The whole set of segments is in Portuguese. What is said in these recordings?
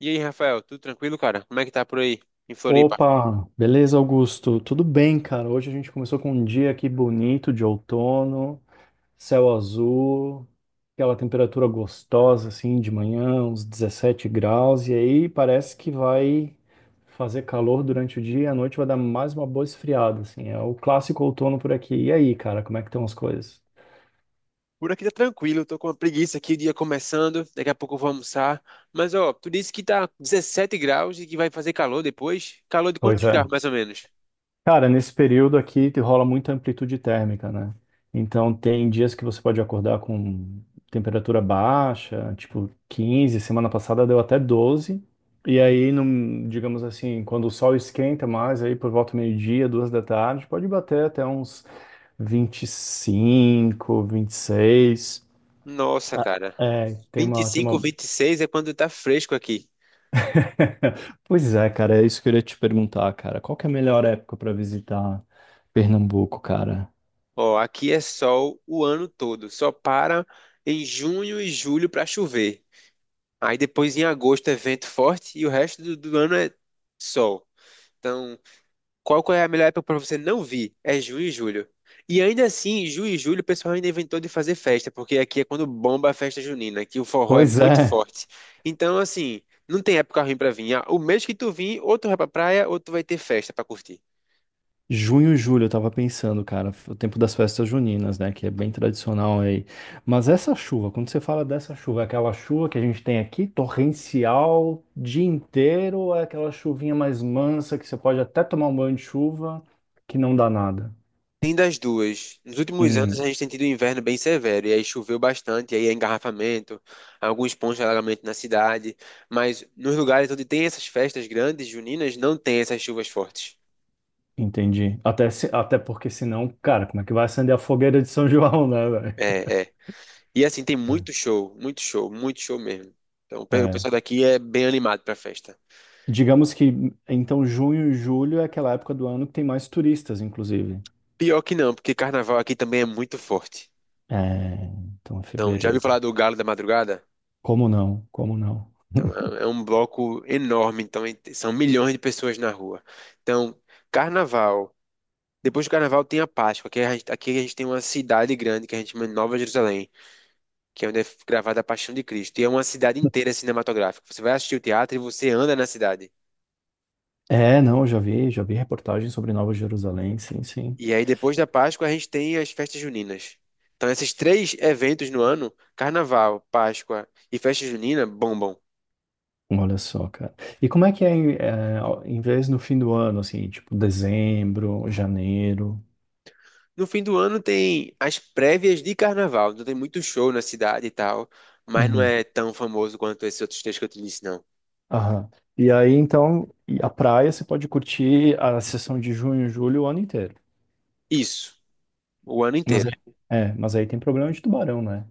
E aí, Rafael, tudo tranquilo, cara? Como é que tá por aí, em Floripa? Opa, beleza, Augusto? Tudo bem, cara? Hoje a gente começou com um dia aqui bonito de outono, céu azul, aquela temperatura gostosa assim de manhã, uns 17 graus, e aí parece que vai fazer calor durante o dia, e à noite vai dar mais uma boa esfriada, assim. É o clássico outono por aqui. E aí, cara, como é que estão as coisas? Por aqui tá tranquilo, tô com uma preguiça aqui, o dia começando, daqui a pouco eu vou almoçar. Mas, ó, tu disse que tá 17 graus e que vai fazer calor depois? Calor de Pois quantos graus, é. mais ou menos? Cara, nesse período aqui rola muita amplitude térmica, né? Então tem dias que você pode acordar com temperatura baixa, tipo 15, semana passada deu até 12. E aí, digamos assim, quando o sol esquenta mais, aí por volta do meio-dia, duas da tarde, pode bater até uns 25, 26. Nossa, Ah, cara, é, tem 25, uma... 26 é quando tá fresco aqui. Pois é, cara, é isso que eu queria te perguntar, cara. Qual que é a melhor época para visitar Pernambuco, cara? Ó, aqui é sol o ano todo, só para em junho e julho pra chover. Aí depois em agosto é vento forte e o resto do ano é sol. Então, qual que é a melhor época para você não vir? É junho e julho. E ainda assim, junho e julho, o pessoal ainda inventou de fazer festa, porque aqui é quando bomba a festa junina, que o forró é Pois muito é. forte. Então, assim, não tem época ruim pra vir. Ah, o mês que tu vir, ou tu vai pra praia, ou tu vai ter festa pra curtir. Junho e julho, eu tava pensando, cara, o tempo das festas juninas, né, que é bem tradicional aí. Mas essa chuva, quando você fala dessa chuva, é aquela chuva que a gente tem aqui, torrencial, dia inteiro, ou é aquela chuvinha mais mansa que você pode até tomar um banho de chuva, que não dá nada? Tem das duas. Nos últimos anos, Hum, a gente tem tido um inverno bem severo, e aí choveu bastante, e aí é engarrafamento, alguns pontos de alagamento na cidade. Mas nos lugares onde tem essas festas grandes, juninas, não tem essas chuvas fortes. entendi. Até, até porque senão, cara, como é que vai acender a fogueira de São João, né, velho? É, é. E assim, tem muito show, muito show, muito show mesmo. Então, É. O É. pessoal daqui é bem animado pra festa. Digamos que, então, junho e julho é aquela época do ano que tem mais turistas, inclusive. Pior que não, porque carnaval aqui também é muito forte. É, então, é Então, já ouviu fevereiro. falar do Galo da Madrugada? Como não? Como não? Então, é um bloco enorme, então são milhões de pessoas na rua. Então, carnaval. Depois do carnaval tem a Páscoa, que aqui a gente tem uma cidade grande que a gente chama de Nova Jerusalém, que é onde é gravada a Paixão de Cristo. E é uma cidade inteira cinematográfica. Você vai assistir o teatro e você anda na cidade. É, não, eu já vi reportagem sobre Nova Jerusalém, sim, sim. E aí, depois da Páscoa, a gente tem as festas juninas. Então, esses três eventos no ano, Carnaval, Páscoa e festa junina, bombam. Olha só, cara. E como é que é, em vez no fim do ano, assim, tipo dezembro, janeiro? No fim do ano tem as prévias de Carnaval. Então, tem muito show na cidade e tal, mas não Uhum. é tão famoso quanto esses outros três que eu te disse, não. Aham. E aí, então, e a praia você pode curtir a sessão de junho, julho, o ano inteiro. Isso, o ano Mas aí, inteiro. Mas aí tem problema de tubarão, né?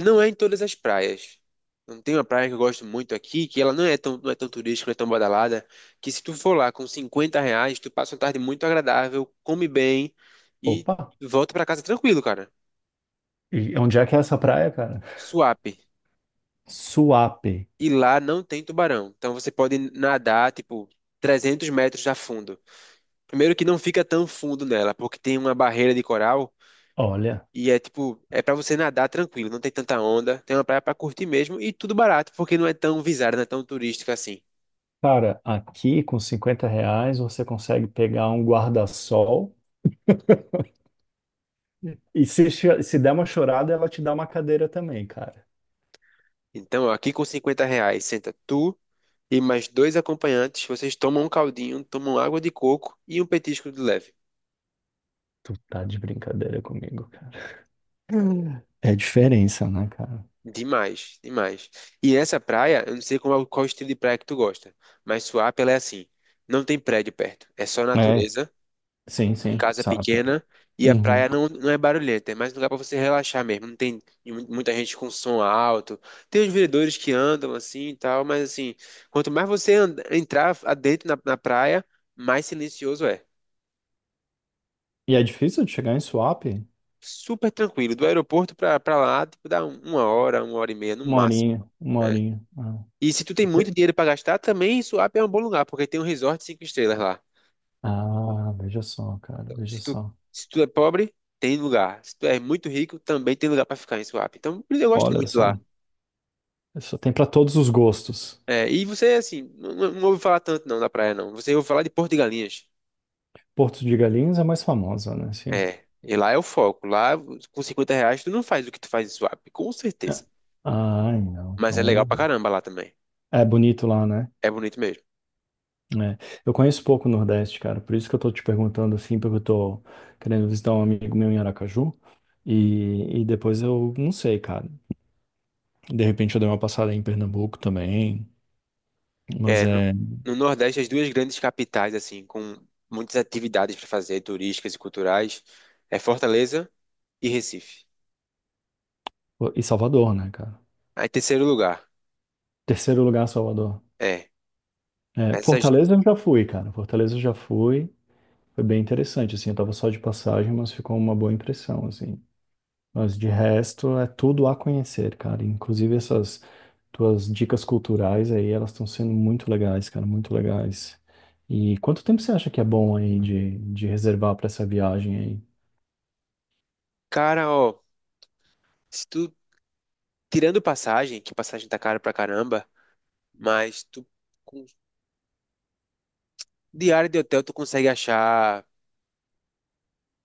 Não é em todas as praias. Não tem uma praia que eu gosto muito aqui, que ela não é tão turística, não é tão badalada, que se tu for lá com R$ 50, tu passa uma tarde muito agradável, come bem e Opa! volta pra casa tranquilo, cara. E onde é que é essa praia, cara? Suape. Suape. E lá não tem tubarão. Então você pode nadar, tipo, 300 metros a fundo. Primeiro que não fica tão fundo nela, porque tem uma barreira de coral Olha. e é tipo, é pra você nadar tranquilo, não tem tanta onda, tem uma praia pra curtir mesmo e tudo barato, porque não é tão visada, não é tão turística assim. Cara, aqui com R$ 50 você consegue pegar um guarda-sol e se der uma chorada, ela te dá uma cadeira também, cara. Então, ó, aqui com R$ 50, senta tu e mais dois acompanhantes, vocês tomam um caldinho, tomam água de coco e um petisco de leve. Tu tá de brincadeira comigo, cara. Hum. É diferença, né, cara? Demais, demais. E essa praia, eu não sei qual estilo de praia que tu gosta, mas Suape ela é assim, não tem prédio perto, é só É, natureza, sim, sim, casa sabe. pequena e a Uhum. praia não é barulhenta, é mais um lugar para você relaxar mesmo, não tem muita gente com som alto, tem os vendedores que andam assim e tal, mas assim, quanto mais entrar adentro na praia, mais silencioso é. E é difícil de chegar em swap? Super tranquilo. Do aeroporto pra lá, tipo, dá uma hora e meia no Uma máximo. horinha, uma Né? horinha. Ah, E se tu tem muito dinheiro pra gastar, também Suape é um bom lugar, porque tem um resort cinco estrelas lá. ah, veja só, cara, Então, veja se tu, só. se tu é pobre, tem lugar. Se tu é muito rico, também tem lugar pra ficar em Suape. Então, eu gosto Olha muito de lá. só, só tem pra todos os gostos. É, e você, assim, não ouve falar tanto não da praia, não. Você ouve falar de Porto de Galinhas. Porto de Galinhas é mais famosa, né? Sim. É, e lá é o foco. Lá, com R$ 50, tu não faz o que tu faz em Suape, com É. certeza. Ai, não. Mas é legal pra Então, caramba lá também. é bonito lá, né? É bonito mesmo. É. Eu conheço pouco o Nordeste, cara, por isso que eu tô te perguntando assim, porque eu tô querendo visitar um amigo meu em Aracaju e depois eu não sei, cara. De repente eu dei uma passada em Pernambuco também, mas É, no, é. no Nordeste, as duas grandes capitais, assim, com muitas atividades para fazer, turísticas e culturais, é Fortaleza e Recife. E Salvador, né, cara? Aí, terceiro lugar, Terceiro lugar, Salvador. é. É, Essas, Fortaleza eu já fui, cara. Fortaleza eu já fui. Foi bem interessante, assim. Eu tava só de passagem, mas ficou uma boa impressão, assim. Mas de resto é tudo a conhecer, cara. Inclusive essas tuas dicas culturais aí, elas estão sendo muito legais, cara, muito legais. E quanto tempo você acha que é bom aí de reservar para essa viagem aí? cara, ó, se tu, tirando passagem, que passagem tá cara pra caramba, mas tu, com diária de hotel, tu consegue achar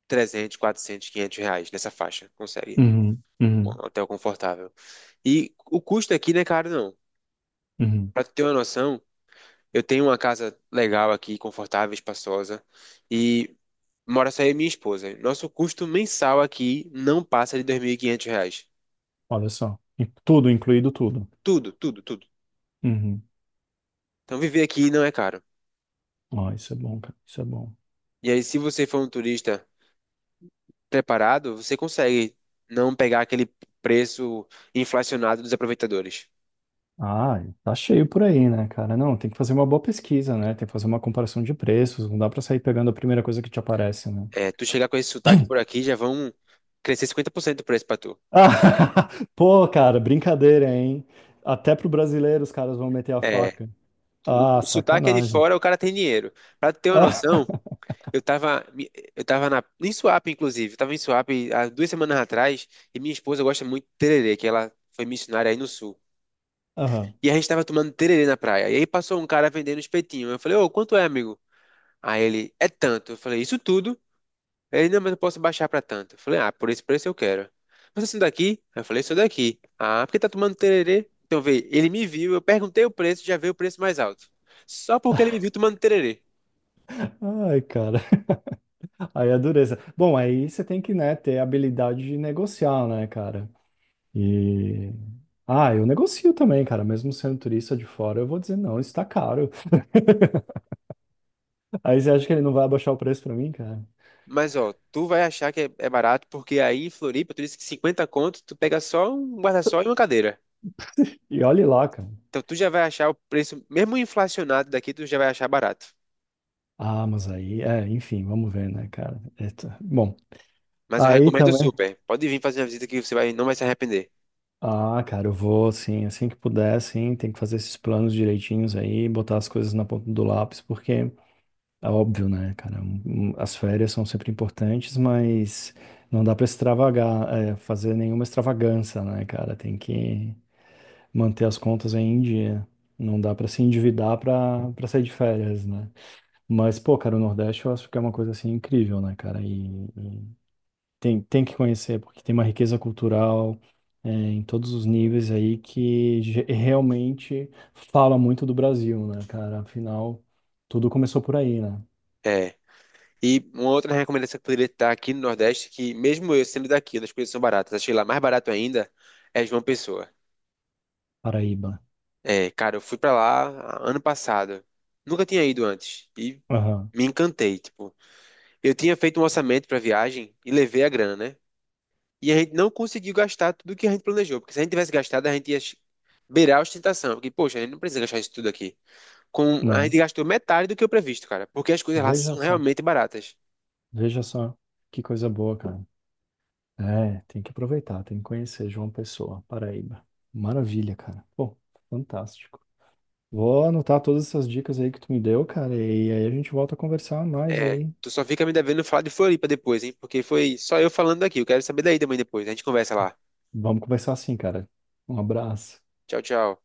300, 400, 500 reais nessa faixa, consegue. Uhum, Um uhum, hotel confortável. E o custo aqui não é caro, não. uhum, Pra tu ter uma noção, eu tenho uma casa legal aqui, confortável, espaçosa, e mora só eu e minha esposa. Nosso custo mensal aqui não passa de R$ 2.500. olha só, e tudo, incluído tudo. Tudo, tudo, tudo. Uhum. Então viver aqui não é caro. Ó, isso é bom, cara, isso é bom. E aí, se você for um turista preparado, você consegue não pegar aquele preço inflacionado dos aproveitadores. Ah, tá cheio por aí, né, cara? Não, tem que fazer uma boa pesquisa, né? Tem que fazer uma comparação de preços, não dá para sair pegando a primeira coisa que te aparece, né? É, tu chegar com esse sotaque por aqui, já vão crescer 50% do preço pra tu. Ah, pô, cara, brincadeira, hein? Até pro brasileiro os caras vão meter a É, faca. Ah, o sotaque é de sacanagem. fora, o cara tem dinheiro. Pra tu ter uma Ah, noção, eu tava em Suape, inclusive. Eu tava em Suape há 2 semanas atrás e minha esposa gosta muito de tererê, que ela foi missionária aí no sul. aham. E a gente tava tomando tererê na praia. E aí passou um cara vendendo espetinho. Eu falei, ô, quanto é, amigo? Aí ele, é tanto. Eu falei, isso tudo? Ele, não, mas eu posso baixar pra tanto. Eu falei, ah, por esse preço eu quero. Mas assim daqui? Aí eu falei, sou daqui. Ah, porque tá tomando tererê? Então vê, ele me viu, eu perguntei o preço, já veio o preço mais alto. Só porque ele me viu tomando tererê. Ai, cara. Aí é dureza. Bom, aí você tem que, né, ter habilidade de negociar, né, cara? E. Ah, eu negocio também, cara. Mesmo sendo turista de fora, eu vou dizer, não, isso tá caro. Aí você acha que ele não vai abaixar o preço pra mim, cara? Mas ó, tu vai achar que é barato, porque aí em Floripa, tu disse que 50 conto, tu pega só um guarda-sol e uma cadeira. E olhe lá, cara. Então tu já vai achar o preço, mesmo inflacionado daqui, tu já vai achar barato. Ah, mas aí, é, enfim, vamos ver, né, cara? Eita. Bom, Mas eu aí recomendo também. super. Pode vir fazer uma visita que você vai, não vai se arrepender. Ah, cara, eu vou, sim, assim que puder, sim, tem que fazer esses planos direitinhos aí, botar as coisas na ponta do lápis, porque é óbvio, né, cara, um, as férias são sempre importantes, mas não dá pra extravagar, é, fazer nenhuma extravagância, né, cara, tem que manter as contas aí em dia, não dá pra se endividar pra para sair de férias, né, mas, pô, cara, o Nordeste eu acho que é uma coisa, assim, incrível, né, cara, e, tem que conhecer, porque tem uma riqueza cultural, é, em todos os níveis aí que realmente fala muito do Brasil, né, cara? Afinal, tudo começou por aí, né? É. E uma outra recomendação que poderia estar aqui no Nordeste, que mesmo eu sendo daqui, onde as coisas são baratas, achei lá mais barato ainda, é João Pessoa. Paraíba. É, cara, eu fui pra lá ano passado. Nunca tinha ido antes. E Aham, me encantei, tipo. Eu tinha feito um orçamento pra viagem e levei a grana, né? E a gente não conseguiu gastar tudo que a gente planejou, porque se a gente tivesse gastado, a gente ia beirar a ostentação. Porque, poxa, a gente não precisa gastar isso tudo aqui. A né? gente gastou metade do que o previsto, cara, porque as coisas lá Veja são só, realmente baratas. veja só que coisa boa, cara. É, tem que aproveitar, tem que conhecer João Pessoa, Paraíba. Maravilha, cara. Pô, fantástico. Vou anotar todas essas dicas aí que tu me deu, cara, e aí a gente volta a conversar mais É, aí. tu só fica me devendo falar de Floripa depois, hein? Porque foi só eu falando daqui. Eu quero saber daí também depois. A gente conversa lá. Vamos conversar assim, cara. Um abraço. Tchau, tchau.